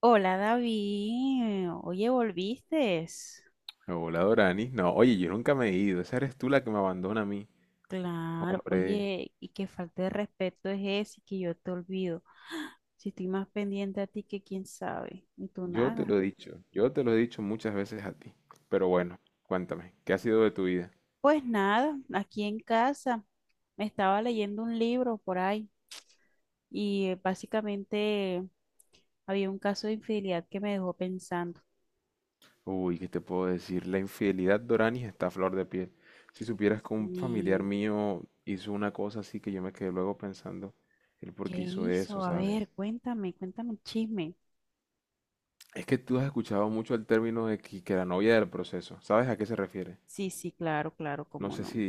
Hola David, oye, ¿volviste? Hola Dorani. No, oye, yo nunca me he ido. Esa eres tú la que me abandona a mí. Claro, Hombre, oye, y qué falta de respeto es ese que yo te olvido. Si estoy más pendiente a ti que quién sabe, y tú yo te nada. lo he dicho. Yo te lo he dicho muchas veces a ti. Pero bueno, cuéntame, ¿qué ha sido de tu vida? Pues nada, aquí en casa me estaba leyendo un libro por ahí y básicamente había un caso de infidelidad que me dejó pensando. Uy, ¿qué te puedo decir? La infidelidad, Dorani, está a flor de piel. Si supieras que un familiar ¿Y mío hizo una cosa así que yo me quedé luego pensando el por qué qué hizo eso, hizo? A ver, ¿sabes? cuéntame, cuéntame el chisme. Es que tú has escuchado mucho el término de que la novia del proceso. ¿Sabes a qué se refiere? Sí, sí, claro, claro, No cómo sé no. si.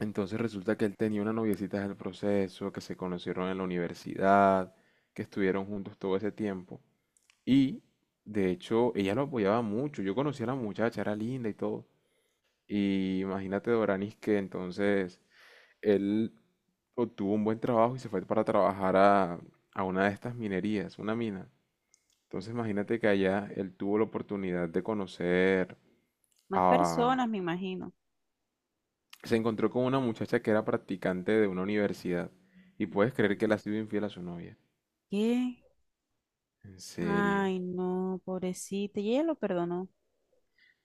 Entonces resulta que él tenía una noviecita del proceso, que se conocieron en la universidad, que estuvieron juntos todo ese tiempo. Y de hecho ella lo apoyaba mucho. Yo conocí a la muchacha, era linda y todo. Y imagínate, Doranis, que entonces él obtuvo un buen trabajo y se fue para trabajar a una de estas minerías, una mina. Entonces imagínate que allá él tuvo la oportunidad de conocer Más personas, a me imagino. Se encontró con una muchacha que era practicante de una universidad y puedes creer que le ha sido infiel a su novia. ¿Qué? En serio. Ay, no, pobrecita. Y ella lo perdonó.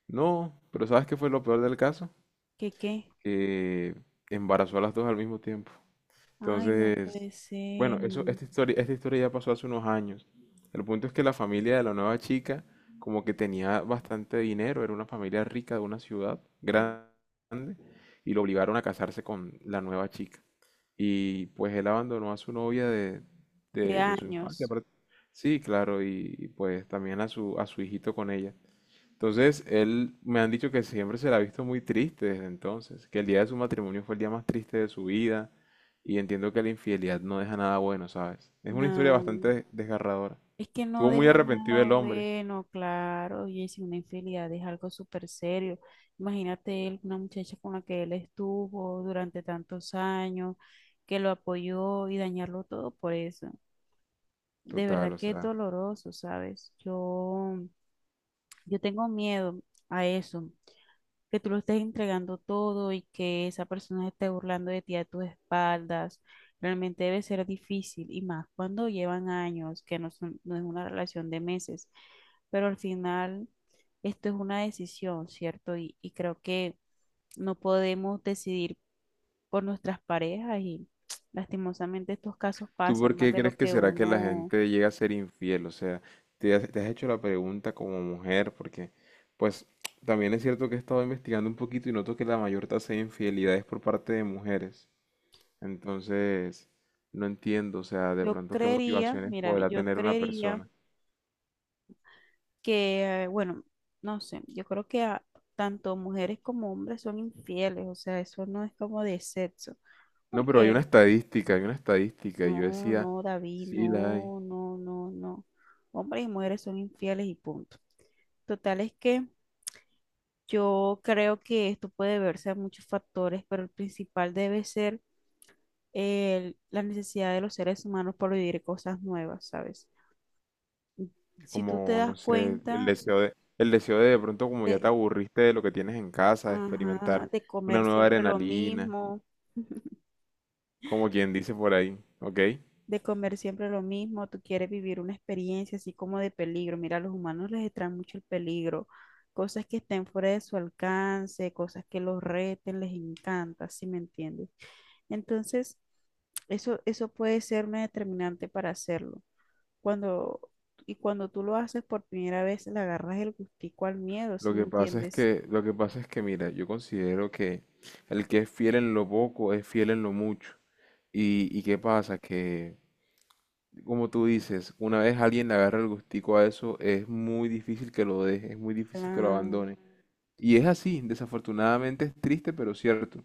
No, pero ¿sabes qué fue lo peor del caso? ¿Qué qué? Que embarazó a las dos al mismo tiempo. Ay, no puede Entonces, ser. bueno, eso, mm, esta historia ya pasó hace unos años. El punto es que la familia de la nueva chica como que tenía bastante dinero, era una familia rica de una ciudad grande y lo obligaron a casarse con la nueva chica. Y pues él abandonó a su novia de, De de- de su infancia. años. Sí, claro, pues también a su hijito con ella. Entonces, él, me han dicho que siempre se la ha visto muy triste desde entonces, que el día de su matrimonio fue el día más triste de su vida, y entiendo que la infidelidad no deja nada bueno, ¿sabes? Es una historia No. bastante desgarradora. Es que no Estuvo muy deja nada arrepentido el hombre. bueno, claro. Y es una infidelidad, es algo súper serio. Imagínate él, una muchacha con la que él estuvo durante tantos años, que lo apoyó y dañarlo todo por eso. De Total, verdad o que es sea. doloroso, ¿sabes? Yo tengo miedo a eso. Que tú lo estés entregando todo y que esa persona se esté burlando de ti a tus espaldas, realmente debe ser difícil y más cuando llevan años, que no, son- no es una relación de meses, pero al final esto es una decisión, ¿cierto? Y creo que no podemos decidir por nuestras parejas y lastimosamente estos casos ¿Tú por pasan más qué de lo crees que que será que la uno, gente llega a ser infiel? O sea, te has hecho la pregunta como mujer, porque pues también es cierto que he estado investigando un poquito y noto que la mayor tasa de infidelidad es por parte de mujeres. Entonces, no entiendo, o sea, de yo pronto qué creería, motivaciones mira, podrá yo tener una creería persona. que, bueno, no sé, yo creo que a- tanto mujeres como hombres son infieles, o sea, eso no es como de sexo, No, pero porque hay una estadística, y yo no, decía, no, David, sí la hay, no, no, no, no, hombres y mujeres son infieles y punto. Total es que yo creo que esto puede verse a muchos factores, pero el principal debe ser el- la necesidad de los seres humanos por vivir cosas nuevas, ¿sabes? Si tú te como, no das sé, cuenta, el deseo de pronto como ya te aburriste de lo que tienes en casa, de experimentar ajá, de una comer nueva siempre lo adrenalina. mismo. Como quien dice por ahí, ¿ok? De comer siempre lo mismo, tú quieres vivir una experiencia así como de peligro. Mira, a los humanos les extrae mucho el peligro, cosas que estén fuera de su alcance, cosas que los reten, les encanta, ¿sí me entiendes? Entonces, eso puede ser una determinante para hacerlo. Cuando, y cuando tú lo haces por primera vez, le agarras el gustico al miedo, Lo ¿sí me que pasa es entiendes? que, lo que pasa es que, mira, yo considero que el que es fiel en lo poco es fiel en lo mucho. Y qué pasa, que, como tú dices, una vez alguien le agarra el gustico a eso, es muy difícil que lo deje, es muy difícil que lo Claro, abandone. Y es así, desafortunadamente es triste, pero cierto.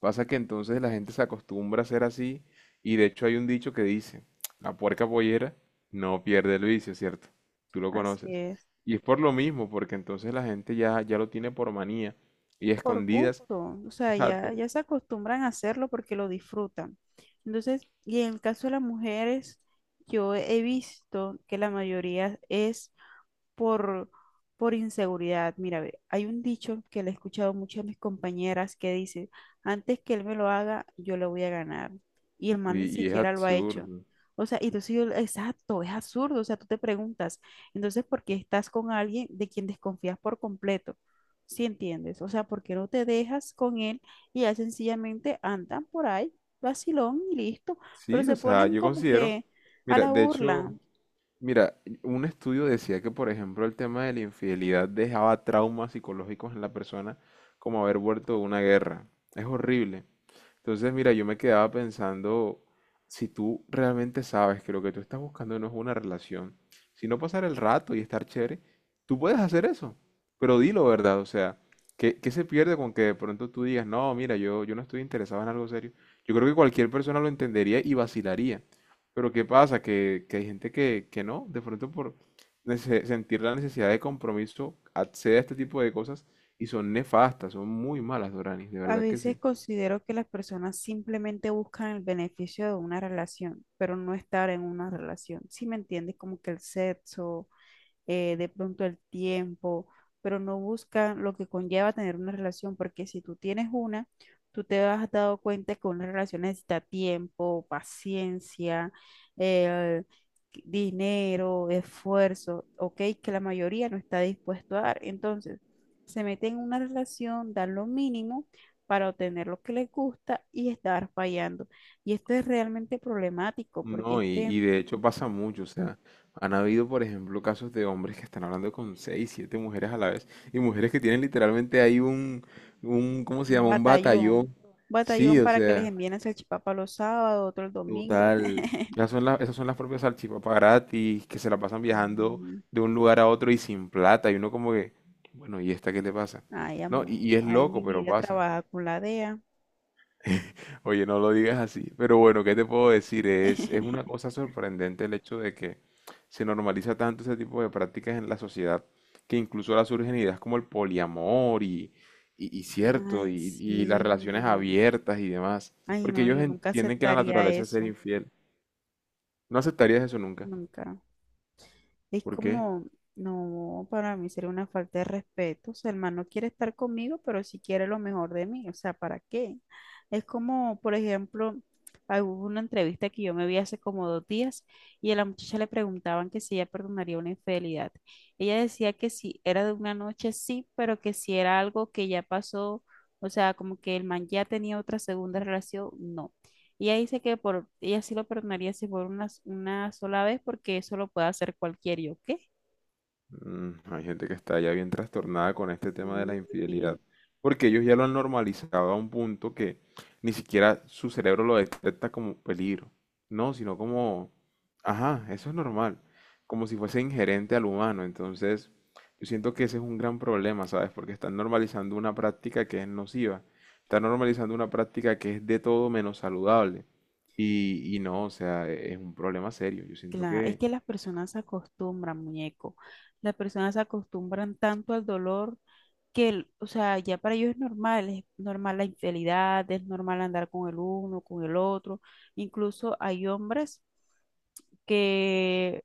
Pasa que entonces la gente se acostumbra a ser así y de hecho hay un dicho que dice, la puerca pollera no pierde el vicio, ¿cierto? Tú lo así conoces. es. Y es por lo mismo, porque entonces la gente ya lo tiene por manía y Por escondidas, gusto, o sea, exacto, ya se acostumbran a hacerlo porque lo disfrutan. Entonces, y en el caso de las mujeres, yo he visto que la mayoría es por, por inseguridad. Mira, ve, hay un dicho que le he escuchado mucho a mis compañeras que dice, antes que él me lo haga, yo le voy a ganar. Y el man ni y es siquiera lo ha hecho. absurdo. O sea, y entonces yo, exacto, es absurdo. O sea, tú te preguntas, entonces, ¿por qué estás con alguien de quien desconfías por completo? ¿Sí entiendes? O sea, ¿por qué no te dejas con él y ya sencillamente andan por ahí, vacilón y listo? Pero Sí, o se sea, ponen yo como considero, que a mira, la de burla. hecho, mira, un estudio decía que, por ejemplo, el tema de la infidelidad dejaba traumas psicológicos en la persona como haber vuelto de una guerra. Es horrible. Entonces, mira, yo me quedaba pensando, si tú realmente sabes que lo que tú estás buscando no es una relación, sino pasar el rato y estar chévere, tú puedes hacer eso, pero dilo, ¿verdad? O sea, ¿qué se pierde con que de pronto tú digas, no, mira, yo no estoy interesado en algo serio? Yo creo que cualquier persona lo entendería y vacilaría. Pero ¿qué pasa? Que hay gente que no, de pronto por sentir la necesidad de compromiso, accede a este tipo de cosas y son nefastas, son muy malas, Doranis, de A verdad que veces sí. considero que las personas simplemente buscan el beneficio de una relación, pero no estar en una relación. Si me entiendes, como que el sexo, de pronto el tiempo, pero no buscan lo que conlleva tener una relación, porque si tú tienes una, tú te has dado cuenta que una relación necesita tiempo, paciencia, eh, dinero, esfuerzo, ok, que la mayoría no está dispuesto a dar. Entonces, se meten en una relación, dan lo mínimo para obtener lo que les gusta y estar fallando. Y esto es realmente problemático porque No, es y, que y de hecho pasa mucho, o sea, han habido, por ejemplo, casos de hombres que están hablando con seis, siete mujeres a la vez, y mujeres que tienen literalmente ahí ¿cómo se un llama? Un batallón. batallón. Sí, Batallón o para que les sea, envíen el salchipapa los sábados, otro el domingo. total. Esas son las propias salchipapas gratis, que se la pasan viajando Sí. de un lugar a otro y sin plata, y uno como que, bueno, ¿y esta qué le pasa? Ay, No, amor. y es Ay, loco, mi pero vida pasa. trabaja con la DEA. Oye, no lo digas así. Pero bueno, ¿qué te puedo decir? Es una cosa sorprendente el hecho de que se normaliza tanto ese tipo de prácticas en la sociedad que incluso ahora surgen ideas como el poliamor y cierto, Ay, y las relaciones sí. abiertas y demás. Ay, Porque no, ellos yo nunca entienden que la aceptaría naturaleza es ser eso. infiel. No aceptarías eso nunca. Nunca. Es ¿Por qué? como, no, para mí sería una falta de respeto. O sea, el man no quiere estar conmigo, pero sí quiere lo mejor de mí. O sea, ¿para qué? Es como, por ejemplo, ah, hubo una entrevista que yo me vi hace como dos días y a la muchacha le preguntaban que si ella perdonaría una infidelidad. Ella decía que si era de una noche, sí, pero que si era algo que ya pasó, o sea, como que el man ya tenía otra segunda relación, no. Y ella dice que por, ella sí lo perdonaría si por una sola vez, porque eso lo puede hacer cualquiera. ¿Yo qué? Mm, hay gente que está ya bien trastornada con este tema de la Sí. infidelidad, porque ellos ya lo han normalizado a un punto que ni siquiera su cerebro lo detecta como peligro, no, sino como, ajá, eso es normal, como si fuese inherente al humano. Entonces, yo siento que ese es un gran problema, ¿sabes? Porque están normalizando una práctica que es nociva, están normalizando una práctica que es de todo menos saludable. Y no, o sea, es un problema serio. Yo siento Claro, es que que las personas se acostumbran, muñeco. Las personas se acostumbran tanto al dolor que, el- o sea, ya para ellos es normal la infidelidad, es normal andar con el uno, con el otro. Incluso hay hombres que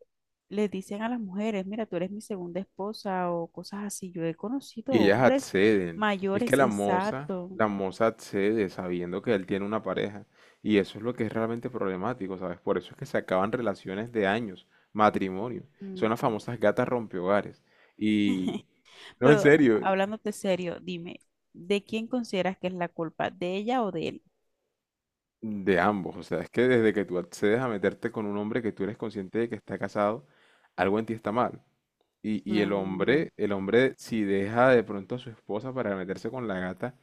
les dicen a las mujeres, mira, tú eres mi segunda esposa o cosas así. Yo he conocido y ellas hombres acceden. Es que mayores, la moza, exacto. la moza accede sabiendo que él tiene una pareja. Y eso es lo que es realmente problemático, ¿sabes? Por eso es que se acaban relaciones de años, matrimonios. Son las Ujú. famosas gatas rompehogares. Y no, en Pero serio, hablándote serio, dime, ¿de quién consideras que es la culpa? ¿De ella o de él? de ambos. O sea, es que desde que tú accedes a meterte con un hombre que tú eres consciente de que está casado, algo en ti está mal. Y Claro, el hombre, si deja de pronto a su esposa para meterse con la gata,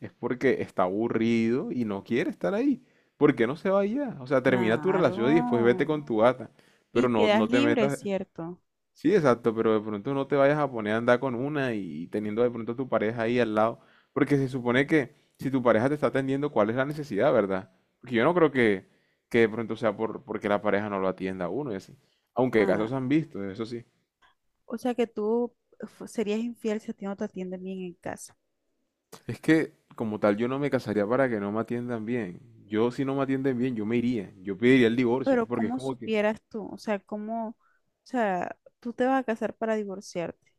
es porque está aburrido y no quiere estar ahí. ¿Por qué no se va ya? O sea, termina tu relación y después claro. vete con tu gata. Y Pero no, quedas no te libre, metas. ¿cierto? Sí, exacto, pero de pronto no te vayas a poner a andar con una y teniendo de pronto a tu pareja ahí al lado. Porque se supone que si tu pareja te está atendiendo, ¿cuál es la necesidad, verdad? Porque yo no creo que de pronto sea por, porque la pareja no lo atienda a uno y así. Aunque Ah, casos se han visto, eso sí. o sea que tú fu- serías infiel si a ti no te atienden bien en casa. Es que, como tal, yo no me casaría para que no me atiendan bien. Yo, si no me atienden bien, yo me iría. Yo pediría el divorcio, Pero porque es ¿cómo como que supieras tú? O sea, ¿cómo? O sea, tú te vas a casar para divorciarte.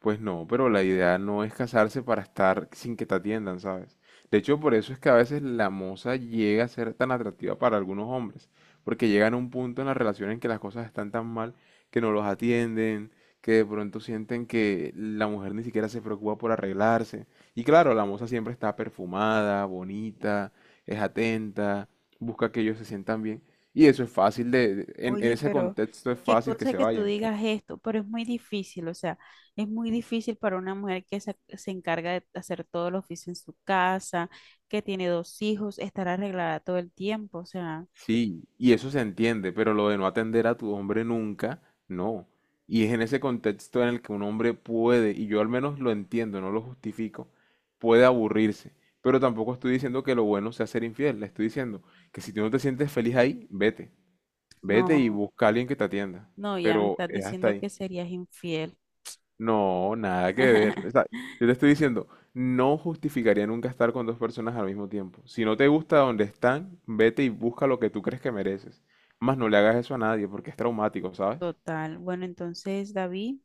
pues no, pero la idea no es casarse para estar sin que te atiendan, ¿sabes? De hecho, por eso es que a veces la moza llega a ser tan atractiva para algunos hombres, porque llegan a un punto en la relación en que las cosas están tan mal que no los atienden, que de pronto sienten que la mujer ni siquiera se preocupa por arreglarse. Y claro, la moza siempre está perfumada, bonita, es atenta, busca que ellos se sientan bien. Y eso es fácil en Oye, ese pero contexto es qué fácil que cosa se que tú vayan. digas esto, pero es muy difícil, o sea, es muy difícil para una mujer que se encarga de hacer todo el oficio en su casa, que tiene dos hijos, estar arreglada todo el tiempo, o sea, Sí, y eso se entiende, pero lo de no atender a tu hombre nunca, no. Y es en ese contexto en el que un hombre puede, y yo al menos lo entiendo, no lo justifico, puede aburrirse. Pero tampoco estoy diciendo que lo bueno sea ser infiel, le estoy diciendo que si tú no te sientes feliz ahí, vete, vete y no, busca a alguien que te atienda. no, ya me Pero estás es hasta diciendo ahí. que serías infiel. No, nada que ver. O sea, yo te estoy diciendo, no justificaría nunca estar con dos personas al mismo tiempo. Si no te gusta donde están, vete y busca lo que tú crees que mereces. Más no le hagas eso a nadie porque es traumático, ¿sabes? Total. Bueno, entonces, David.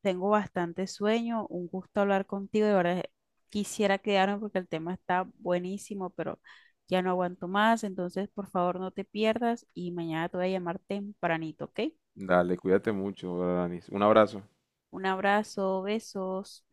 Tengo bastante sueño, un gusto hablar contigo, de verdad quisiera quedarme porque el tema está buenísimo, pero ya no aguanto más, entonces por favor no te pierdas y mañana te voy a llamar tempranito, ¿ok? Dale, cuídate mucho, Danis. Un abrazo. Un abrazo, besos.